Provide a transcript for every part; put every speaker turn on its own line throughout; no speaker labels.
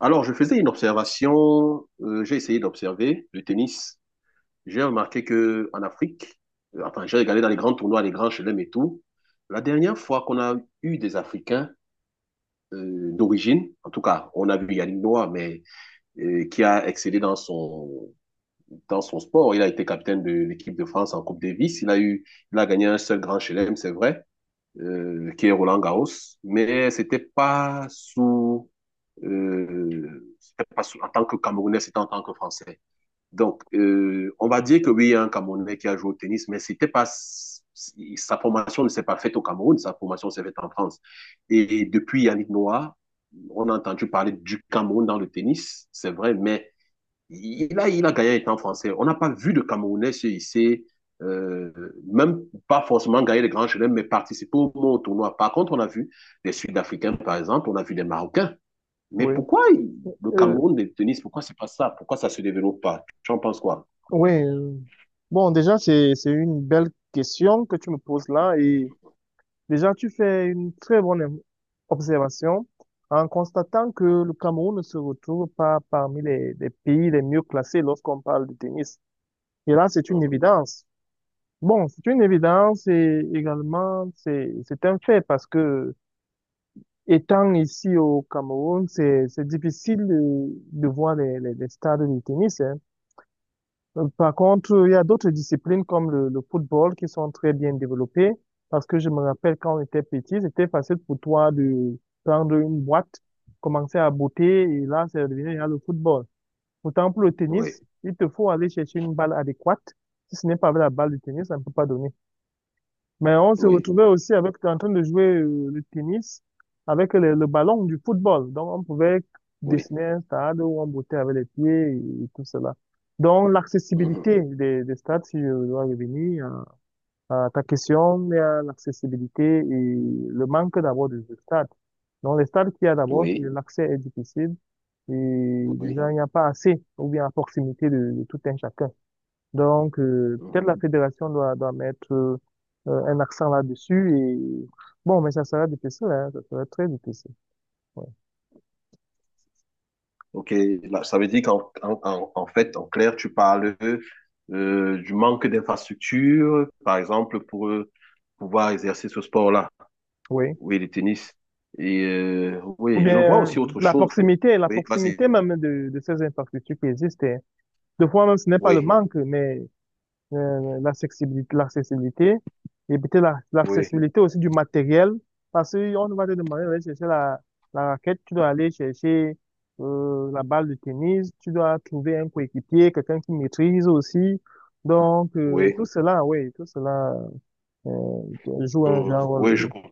Alors, je faisais une observation, j'ai essayé d'observer le tennis. J'ai remarqué que en Afrique, j'ai regardé dans les grands tournois, les grands chelems et tout. La dernière fois qu'on a eu des Africains d'origine, en tout cas, on a vu Yannick Noah, mais qui a excellé dans son sport. Il a été capitaine de l'équipe de France en Coupe Davis. Il a gagné un seul grand chelem, c'est vrai, qui est Roland Garros, mais c'était pas sous- en tant que Camerounais, c'était en tant que Français. Donc, on va dire que oui, il y a un Camerounais qui a joué au tennis, mais c'était pas, sa formation ne s'est pas faite au Cameroun, sa formation s'est faite en France. Et depuis Yannick Noah, on a entendu parler du Cameroun dans le tennis, c'est vrai, mais il a gagné étant français. On n'a pas vu de Camerounais se hisser, euh, même pas forcément gagner les grands chelems, mais participer au tournoi. Par contre, on a vu des Sud-Africains, par exemple, on a vu des Marocains. Mais
Oui,
pourquoi le
euh,
Cameroun de tennis, pourquoi c'est pas ça? Pourquoi ça se développe pas? Tu en penses quoi?
oui. euh, Bon, déjà, c'est une belle question que tu me poses là. Et déjà, tu fais une très bonne observation en constatant que le Cameroun ne se retrouve pas parmi les pays les mieux classés lorsqu'on parle de tennis. Et là, c'est une
Mhm.
évidence. Bon, c'est une évidence et également, c'est un fait parce que étant ici au Cameroun, c'est difficile de voir les stades de tennis, hein. Par contre, il y a d'autres disciplines comme le football qui sont très bien développées parce que je me rappelle quand on était petit, c'était facile pour toi de prendre une boîte, commencer à botter et là, c'est devenu là, le football. Pourtant, pour le
Oui,
tennis, il te faut aller chercher une balle adéquate. Si ce n'est pas avec la balle de tennis, ça ne peut pas donner. Mais on se
oui,
retrouvait aussi avec, t'es en train de jouer le tennis avec le ballon du football. Donc, on pouvait
oui.
dessiner un stade où on bottait avec les pieds et tout cela. Donc,
Mhm.
l'accessibilité des stades, si je dois revenir à ta question, il y a l'accessibilité et le manque d'abord de stades. Donc, les stades qu'il y a d'abord,
Oui,
l'accès est difficile et
oui.
déjà, il n'y a pas assez ou bien à proximité de tout un chacun. Donc,
Mhm.
peut-être la fédération doit mettre un accent là-dessus et bon, mais ça sera difficile, hein, ça sera très difficile. Ouais.
Ok, là, ça veut dire qu'en en, en- en fait, en clair, tu parles du manque d'infrastructures, par exemple, pour pouvoir exercer ce sport-là.
Oui.
Oui, le tennis. Et
Ou
oui, je vois
bien
aussi autre chose.
la
Oui, vas-y.
proximité même de ces infrastructures qui existent, hein. Des fois même, ce n'est pas le
Oui,
manque, mais l'accessibilité, l'accessibilité, éviter
oui,
l'accessibilité aussi du matériel, parce qu'on va te demander d'aller chercher la raquette, tu dois aller chercher la balle de tennis, tu dois trouver un coéquipier, quelqu'un qui maîtrise aussi. Donc,
oui.
tout cela, oui, tout cela joue un
euh,
grand rôle,
oui, je,
oui.
com-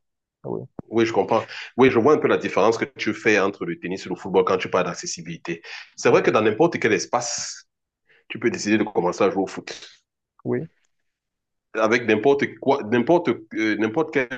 Oui,
oui, je comprends. Oui, je vois un peu la différence que tu fais entre le tennis et le football quand tu parles d'accessibilité. C'est vrai que
oui,
dans n'importe quel espace, tu peux décider de commencer à jouer au foot.
oui,
Avec n'importe quoi, n'importe quel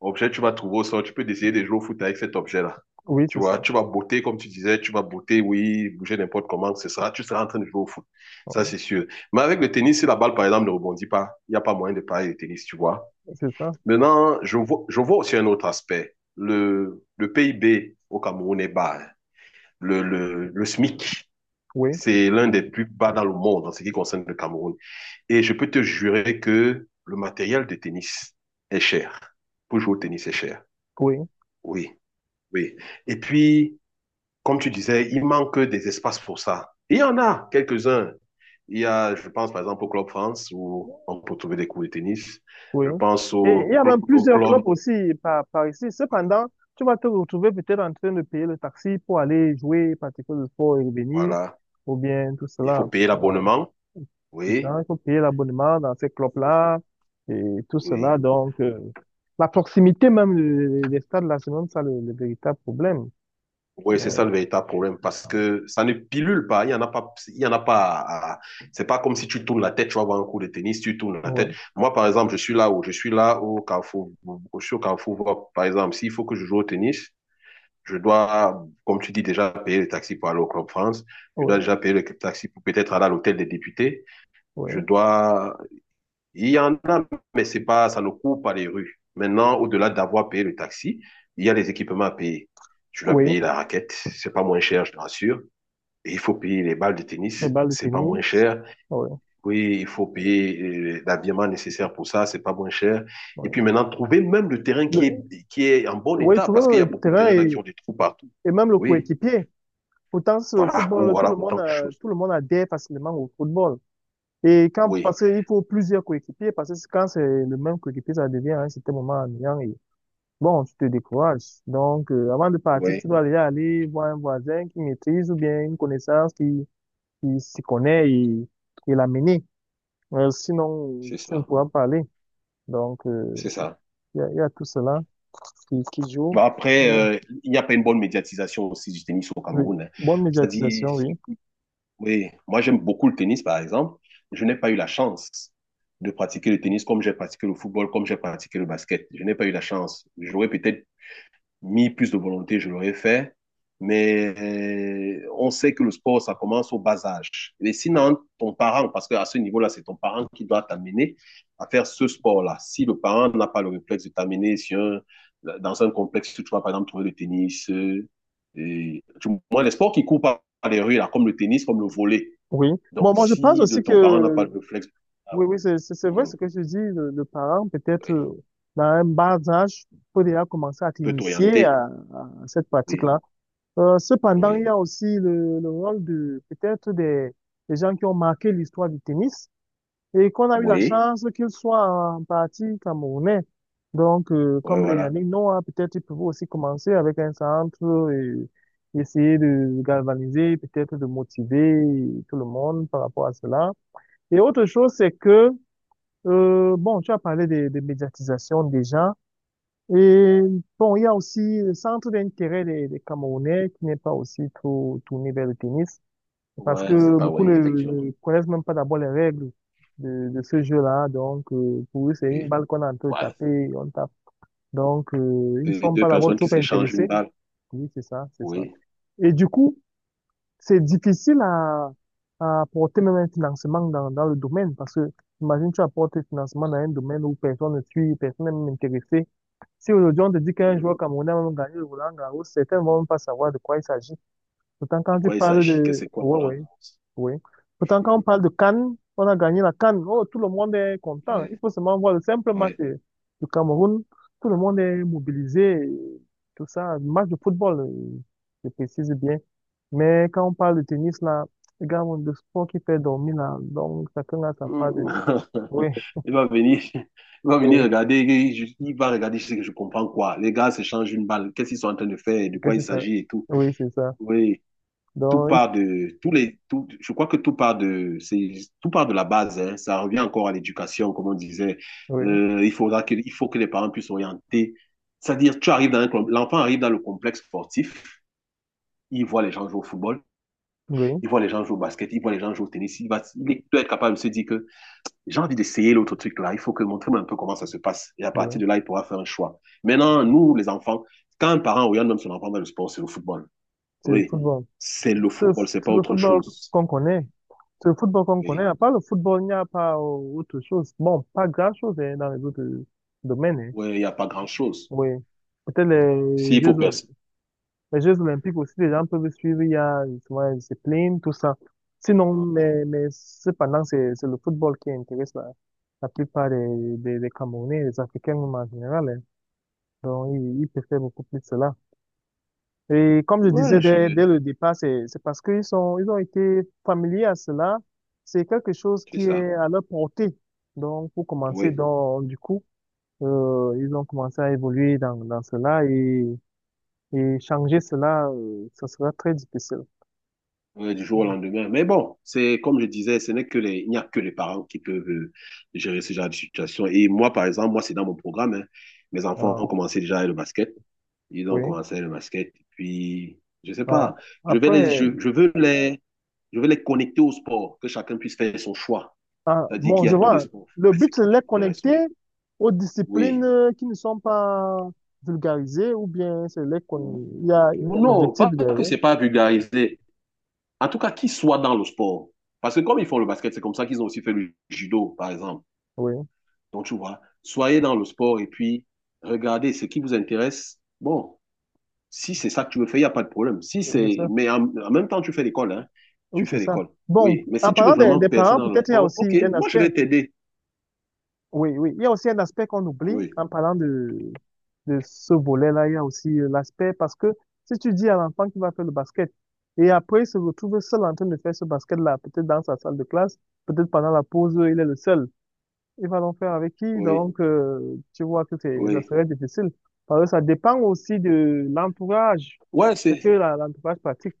objet, tu vas trouver au sol, tu peux essayer de jouer au foot avec cet objet-là.
oui,
Tu
c'est
vois,
ça.
tu vas botter, comme tu disais, tu vas botter, oui, bouger n'importe comment, tu seras en train de jouer au foot. Ça,
Oui,
c'est sûr. Mais avec le tennis, si la balle, par exemple, ne rebondit pas, il n'y a pas moyen de parler de tennis, tu vois.
c'est ça.
Maintenant, je vois aussi un autre aspect. Le PIB au Cameroun est bas, hein. Le SMIC,
Oui,
c'est l'un des plus bas dans le monde en ce qui concerne le Cameroun. Et je peux te jurer que le matériel de tennis est cher. Pour jouer au tennis, c'est cher.
oui.
Oui. Oui. Et puis, comme tu disais, il manque des espaces pour ça. Il y en a quelques-uns. Il y a, je pense par exemple au Club France où on peut trouver des cours de tennis.
Oui.
Je pense
Et il y
au,
a
cl-
même
au
plusieurs
club.
clubs aussi par ici. Cependant, tu vas te retrouver peut-être en train de payer le taxi pour aller jouer, pratiquer le sport et revenir,
Voilà.
ou bien tout
Il faut
cela.
payer
Euh,
l'abonnement.
C'est
Oui.
ça, il faut payer l'abonnement dans ces clubs-là et tout
Oui.
cela. Donc, la proximité même des stades, là, c'est même ça le véritable problème.
Oui,
Euh,
c'est ça le véritable problème parce
Oui.
que ça ne pilule pas. Il y en a pas. Il y en a pas. À- C'est pas comme si tu tournes la tête, tu vas voir un cours de tennis, tu tournes la
Oui,
tête. Moi, par exemple, je suis là au Carrefour. Je suis au Carrefour. Par exemple, s'il faut que je joue au tennis, je dois, comme tu dis déjà, payer le taxi pour aller au Club France. Je dois
oui,
déjà payer le taxi pour peut-être aller à l'hôtel des députés.
oui,
Je dois, il y en a, mais c'est pas, ça ne court pas les rues. Maintenant, au-delà d'avoir payé le taxi, il y a les équipements à payer. Tu dois
oui.
payer la raquette, c'est pas moins cher, je te rassure. Et il faut payer les balles de tennis,
Les balles de
c'est pas moins
tennis,
cher.
oui,
Oui, il faut payer l'habillement nécessaire pour ça, c'est pas moins cher. Et
oui.
puis maintenant, trouver même le terrain
Le-
qui est en bon
oui,
état,
tu
parce qu'il
vois,
y a
le
beaucoup de
terrain
terrains là qui ont des trous partout.
et même le
Oui.
coéquipier. Pourtant, c'est au
Voilà,
football,
autant de choses.
tout le monde adhère facilement au football. Et quand,
Oui,
parce qu'il faut plusieurs coéquipiers, parce que quand c'est le même coéquipier, ça devient à un certain moment ennuyant et bon, tu te décourages. Donc, avant de partir,
oui,
tu dois déjà aller voir un voisin qui maîtrise ou bien une connaissance qui s'y connaît et l'amener. Sinon,
c'est
tu ne
ça,
pourras pas aller. Donc,
c'est ça.
il y a tout cela qui
Bon,
joue. Il
après,
y a-
il n'y a pas une bonne médiatisation aussi du tennis au
oui.
Cameroun, hein.
Bonne
C'est-à-dire,
médiatisation, oui.
oui, moi j'aime beaucoup le tennis, par exemple. Je n'ai pas eu la chance de pratiquer le tennis comme j'ai pratiqué le football, comme j'ai pratiqué le basket. Je n'ai pas eu la chance. J'aurais peut-être mis plus de volonté, je l'aurais fait. Mais on sait que le sport, ça commence au bas âge. Et sinon, ton parent, parce qu'à ce niveau-là, c'est ton parent qui doit t'amener à faire ce sport-là. Si le parent n'a pas le réflexe de t'amener dans un complexe tu vas, par exemple, trouver le tennis, moi, les sports qui courent par les rues, là, comme le tennis, comme le volley.
Oui.
Donc,
Bon, moi, je pense
si de
aussi
ton parent n'a pas le
que
réflexe, ah
oui,
ouais,
oui, c'est vrai
mhm,
ce que je dis. Le parent, peut-être
oui,
dans un bas âge, peut déjà commencer à
peut
t'initier
t'orienter.
à cette
Oui,
pratique-là. Cependant, il
oui,
y a aussi le rôle de peut-être des gens qui ont marqué l'histoire du tennis et qu'on a eu la
oui,
chance qu'ils soient en partie camerounais. Donc,
ouais,
comme les
voilà.
Yannick Noah, peut-être ils peuvent aussi commencer avec un centre et essayer de galvaniser, peut-être de motiver tout le monde par rapport à cela. Et autre chose, c'est que bon, tu as parlé de médiatisation déjà. Et bon, il y a aussi le centre d'intérêt des Camerounais qui n'est pas aussi trop tourné vers le tennis parce
Ouais, c'est
que
pas
beaucoup
oui, effectivement.
ne connaissent même pas d'abord les règles de ce jeu-là. Donc, pour eux, c'est une
Oui.
balle qu'on est en train de
Ouais.
taper, on tape. Donc, ils ne
Deux
sont
deux
pas d'abord
personnes qui
trop
s'échangent une
intéressés.
balle.
Oui, c'est ça, c'est ça.
Oui.
Et du coup, c'est difficile à apporter même un financement dans le domaine parce que, imagine, tu apportes un financement dans un domaine où personne ne suit, personne n'est même intéressé. Si aujourd'hui on te dit qu'un
Mhm.
joueur camerounais va même gagner le Roland Garros, certains vont même pas savoir de quoi il s'agit. Pourtant,
De
quand tu
quoi il
parles
s'agit? Que
de...
c'est quoi,
Oui,
Roland?
oui, oui. Pourtant, quand on parle de Cannes, on a gagné la Cannes. Oh, tout le monde est content. Il
Oui.
faut seulement voir le simple
Oui.
du Cameroun. Tout le monde est mobilisé. Tout ça, le match de football, je précise bien. Mais quand on parle de tennis, là, les gars, le sport qui fait dormir, là, donc chacun a sa part
Mhm.
de... Oui,
Il va venir, il va
oui,
venir regarder, il je- il va regarder, je sais que je comprends quoi. Les gars s'échangent une balle, qu'est-ce qu'ils sont en train de faire, de
que
quoi il
c'est ça.
s'agit et tout.
Oui, c'est ça.
Oui. tout
Donc,
part de tous les tout, je crois que tout part de c'est Tout part de la base, hein. Ça revient encore à l'éducation comme on disait.
oui,
Il faut que les parents puissent orienter, c'est-à-dire tu arrives dans un club, l'enfant arrive dans le complexe sportif, il voit les gens jouer au football,
oui,
il voit les gens jouer au basket, il voit les gens jouer au tennis. Il doit être capable de se dire que j'ai envie d'essayer l'autre truc là, il faut que montre-moi un peu comment ça se passe et à partir
oui.
de là il pourra faire un choix. Maintenant, nous les enfants, quand un parent oriente même son enfant dans le sport, c'est le football.
C'est le
Oui,
football.
c'est le
C'est
football, c'est
c'est
pas
le
autre
football
chose.
qu'on connaît. C'est le football qu'on connaît.
Oui,
À part le football, il n'y a pas autre chose. Bon, pas grand-chose hein, dans les autres domaines, hein.
ouais, il n'y a pas grand-chose.
Oui. Peut-être
S'il faut percer.
Les Jeux Olympiques aussi, les gens peuvent suivre. Il y a justement la discipline, tout ça. Sinon,
Mhm.
mais cependant, c'est le football qui intéresse la plupart des Camerounais, des Africains même en général, hein. Donc, ils préfèrent beaucoup plus cela. Et comme je disais
Ouais, je...
dès le départ, c'est parce qu'ils sont, ils ont été familiers à cela. C'est quelque chose
c'est
qui
ça.
est à leur portée. Donc, pour commencer,
Oui.
donc, du coup, ils ont commencé à évoluer dans cela et changer cela, ça sera très difficile.
Ouais, du jour au
Donc,
lendemain. Mais bon, c'est comme je disais, ce n'est que les... il n'y a que les parents qui peuvent gérer ce genre de situation. Et moi, par exemple, moi, c'est dans mon programme, hein. Mes enfants
euh,
ont commencé déjà le basket. Ils ont
oui.
commencé le basket. Et puis, je sais
Ah,
pas, je vais
après,
les... je veux les connecter au sport, que chacun puisse faire son choix.
ah,
C'est-à-dire
bon,
qu'il y a
je
tous les
vois,
sports.
le
Fais ce
but, c'est
qui
de les
t'intéresse, oui.
connecter aux disciplines qui ne sont pas vulgarisées ou bien c'est les
Oui.
con... il y a un
Non,
objectif
pas que
derrière.
c'est pas vulgarisé. En tout cas, qu'ils soient dans le sport. Parce que comme ils font le basket, c'est comme ça qu'ils ont aussi fait le judo, par exemple.
Oui,
Donc, tu vois, soyez dans le sport et puis regardez ce qui vous intéresse. Bon, si c'est ça que tu veux faire, il n'y a pas de problème. Si
oui, c'est
c'est,
ça.
mais en, en même temps, tu fais l'école, hein.
Oui,
Tu
c'est
fais
ça.
l'école.
Bon,
Oui. Mais
en
si tu veux
parlant
vraiment
des
percer
parents,
dans le
peut-être il y a
sport,
aussi
ok,
un
moi, je
aspect.
vais t'aider.
Oui, oui. Il y a aussi un aspect qu'on oublie
Oui,
en parlant de ce volet-là. Il y a aussi l'aspect parce que si tu dis à l'enfant qu'il va faire le basket et après il se retrouve seul en train de faire ce basket-là, peut-être dans sa salle de classe, peut-être pendant la pause, il est le seul. Il va donc faire avec qui?
oui,
Donc, tu vois que c'est, ça
oui.
serait difficile. Parce que ça dépend aussi de l'entourage,
Ouais,
ce
c'est,
que l'entourage pratique.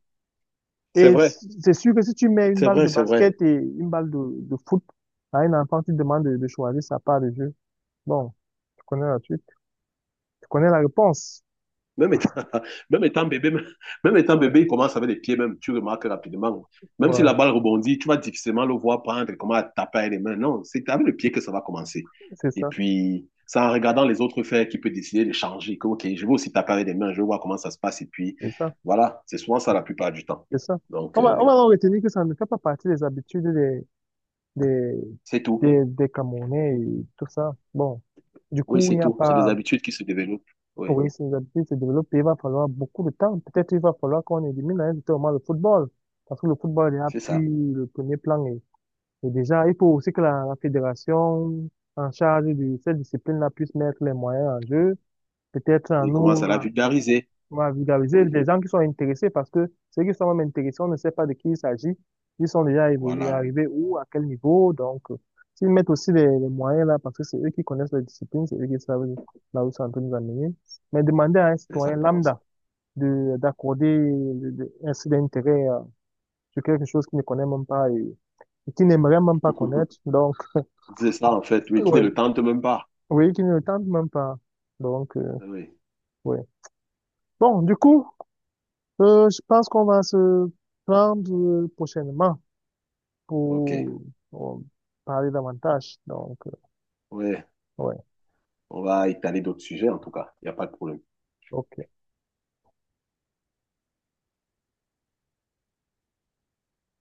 c'est
Et
vrai.
c'est sûr que si tu mets une
C'est
balle de
vrai, c'est vrai.
basket et une balle de foot à un enfant, tu demandes de choisir sa part de jeu. Bon, tu connais la suite. Tu connais la réponse.
Même étant, même étant bébé, même, même étant bébé,
Ouais,
il commence avec les pieds même. Tu remarques rapidement. Même si
ouais,
la balle rebondit, tu vas difficilement le voir prendre, comment taper avec les mains. Non, c'est avec le pied que ça va commencer.
c'est
Et
ça,
puis, c'est en regardant les autres faire qu'il peut décider de changer. Que, ok, je vais aussi taper avec les mains, je vais voir comment ça se passe. Et puis,
c'est ça,
voilà, c'est souvent ça la plupart du temps.
c'est ça.
Donc,
On va en retenir que ça ne fait pas partie des habitudes des,
c'est tout.
des Camerounais et tout ça. Bon, du
Oui,
coup, il
c'est
n'y a
tout. C'est des
pas,
habitudes qui se développent. Oui,
pour que ces habitudes se développent, il va falloir beaucoup de temps. Peut-être il va falloir qu'on élimine à un certain totalement le football. Parce que le football est là,
c'est ça.
puis le premier plan est. Et déjà, il faut aussi que la fédération en charge de cette discipline-là puisse mettre les moyens en jeu, peut-être en
Il commence à
nous,
la vulgariser.
à vulgariser
Oui,
des gens qui sont intéressés, parce que ceux qui sont même intéressés, on ne sait pas de qui il s'agit, ils sont déjà évolués,
voilà,
arrivés où, à quel niveau, donc s'ils mettent aussi les moyens là, parce que c'est eux qui connaissent la discipline, c'est eux qui savent là où ils sont en train de nous amener, mais demander à un
c'est
citoyen
exactement
lambda
ça.
de ainsi d'intérêt sur quelque chose qu'il ne connaît même pas et, et qu'il n'aimerait même pas connaître, donc
C'est ça, en fait. Oui, qui ne
ouais.
le tente même pas.
Oui, qui ne le tente même pas. Donc,
Ah oui,
ouais. Bon, du coup, je pense qu'on va se prendre prochainement
ok.
pour, euh, parler davantage. Donc,
Ouais,
ouais,
on va étaler d'autres sujets en tout cas. Il n'y a pas de problème.
ok.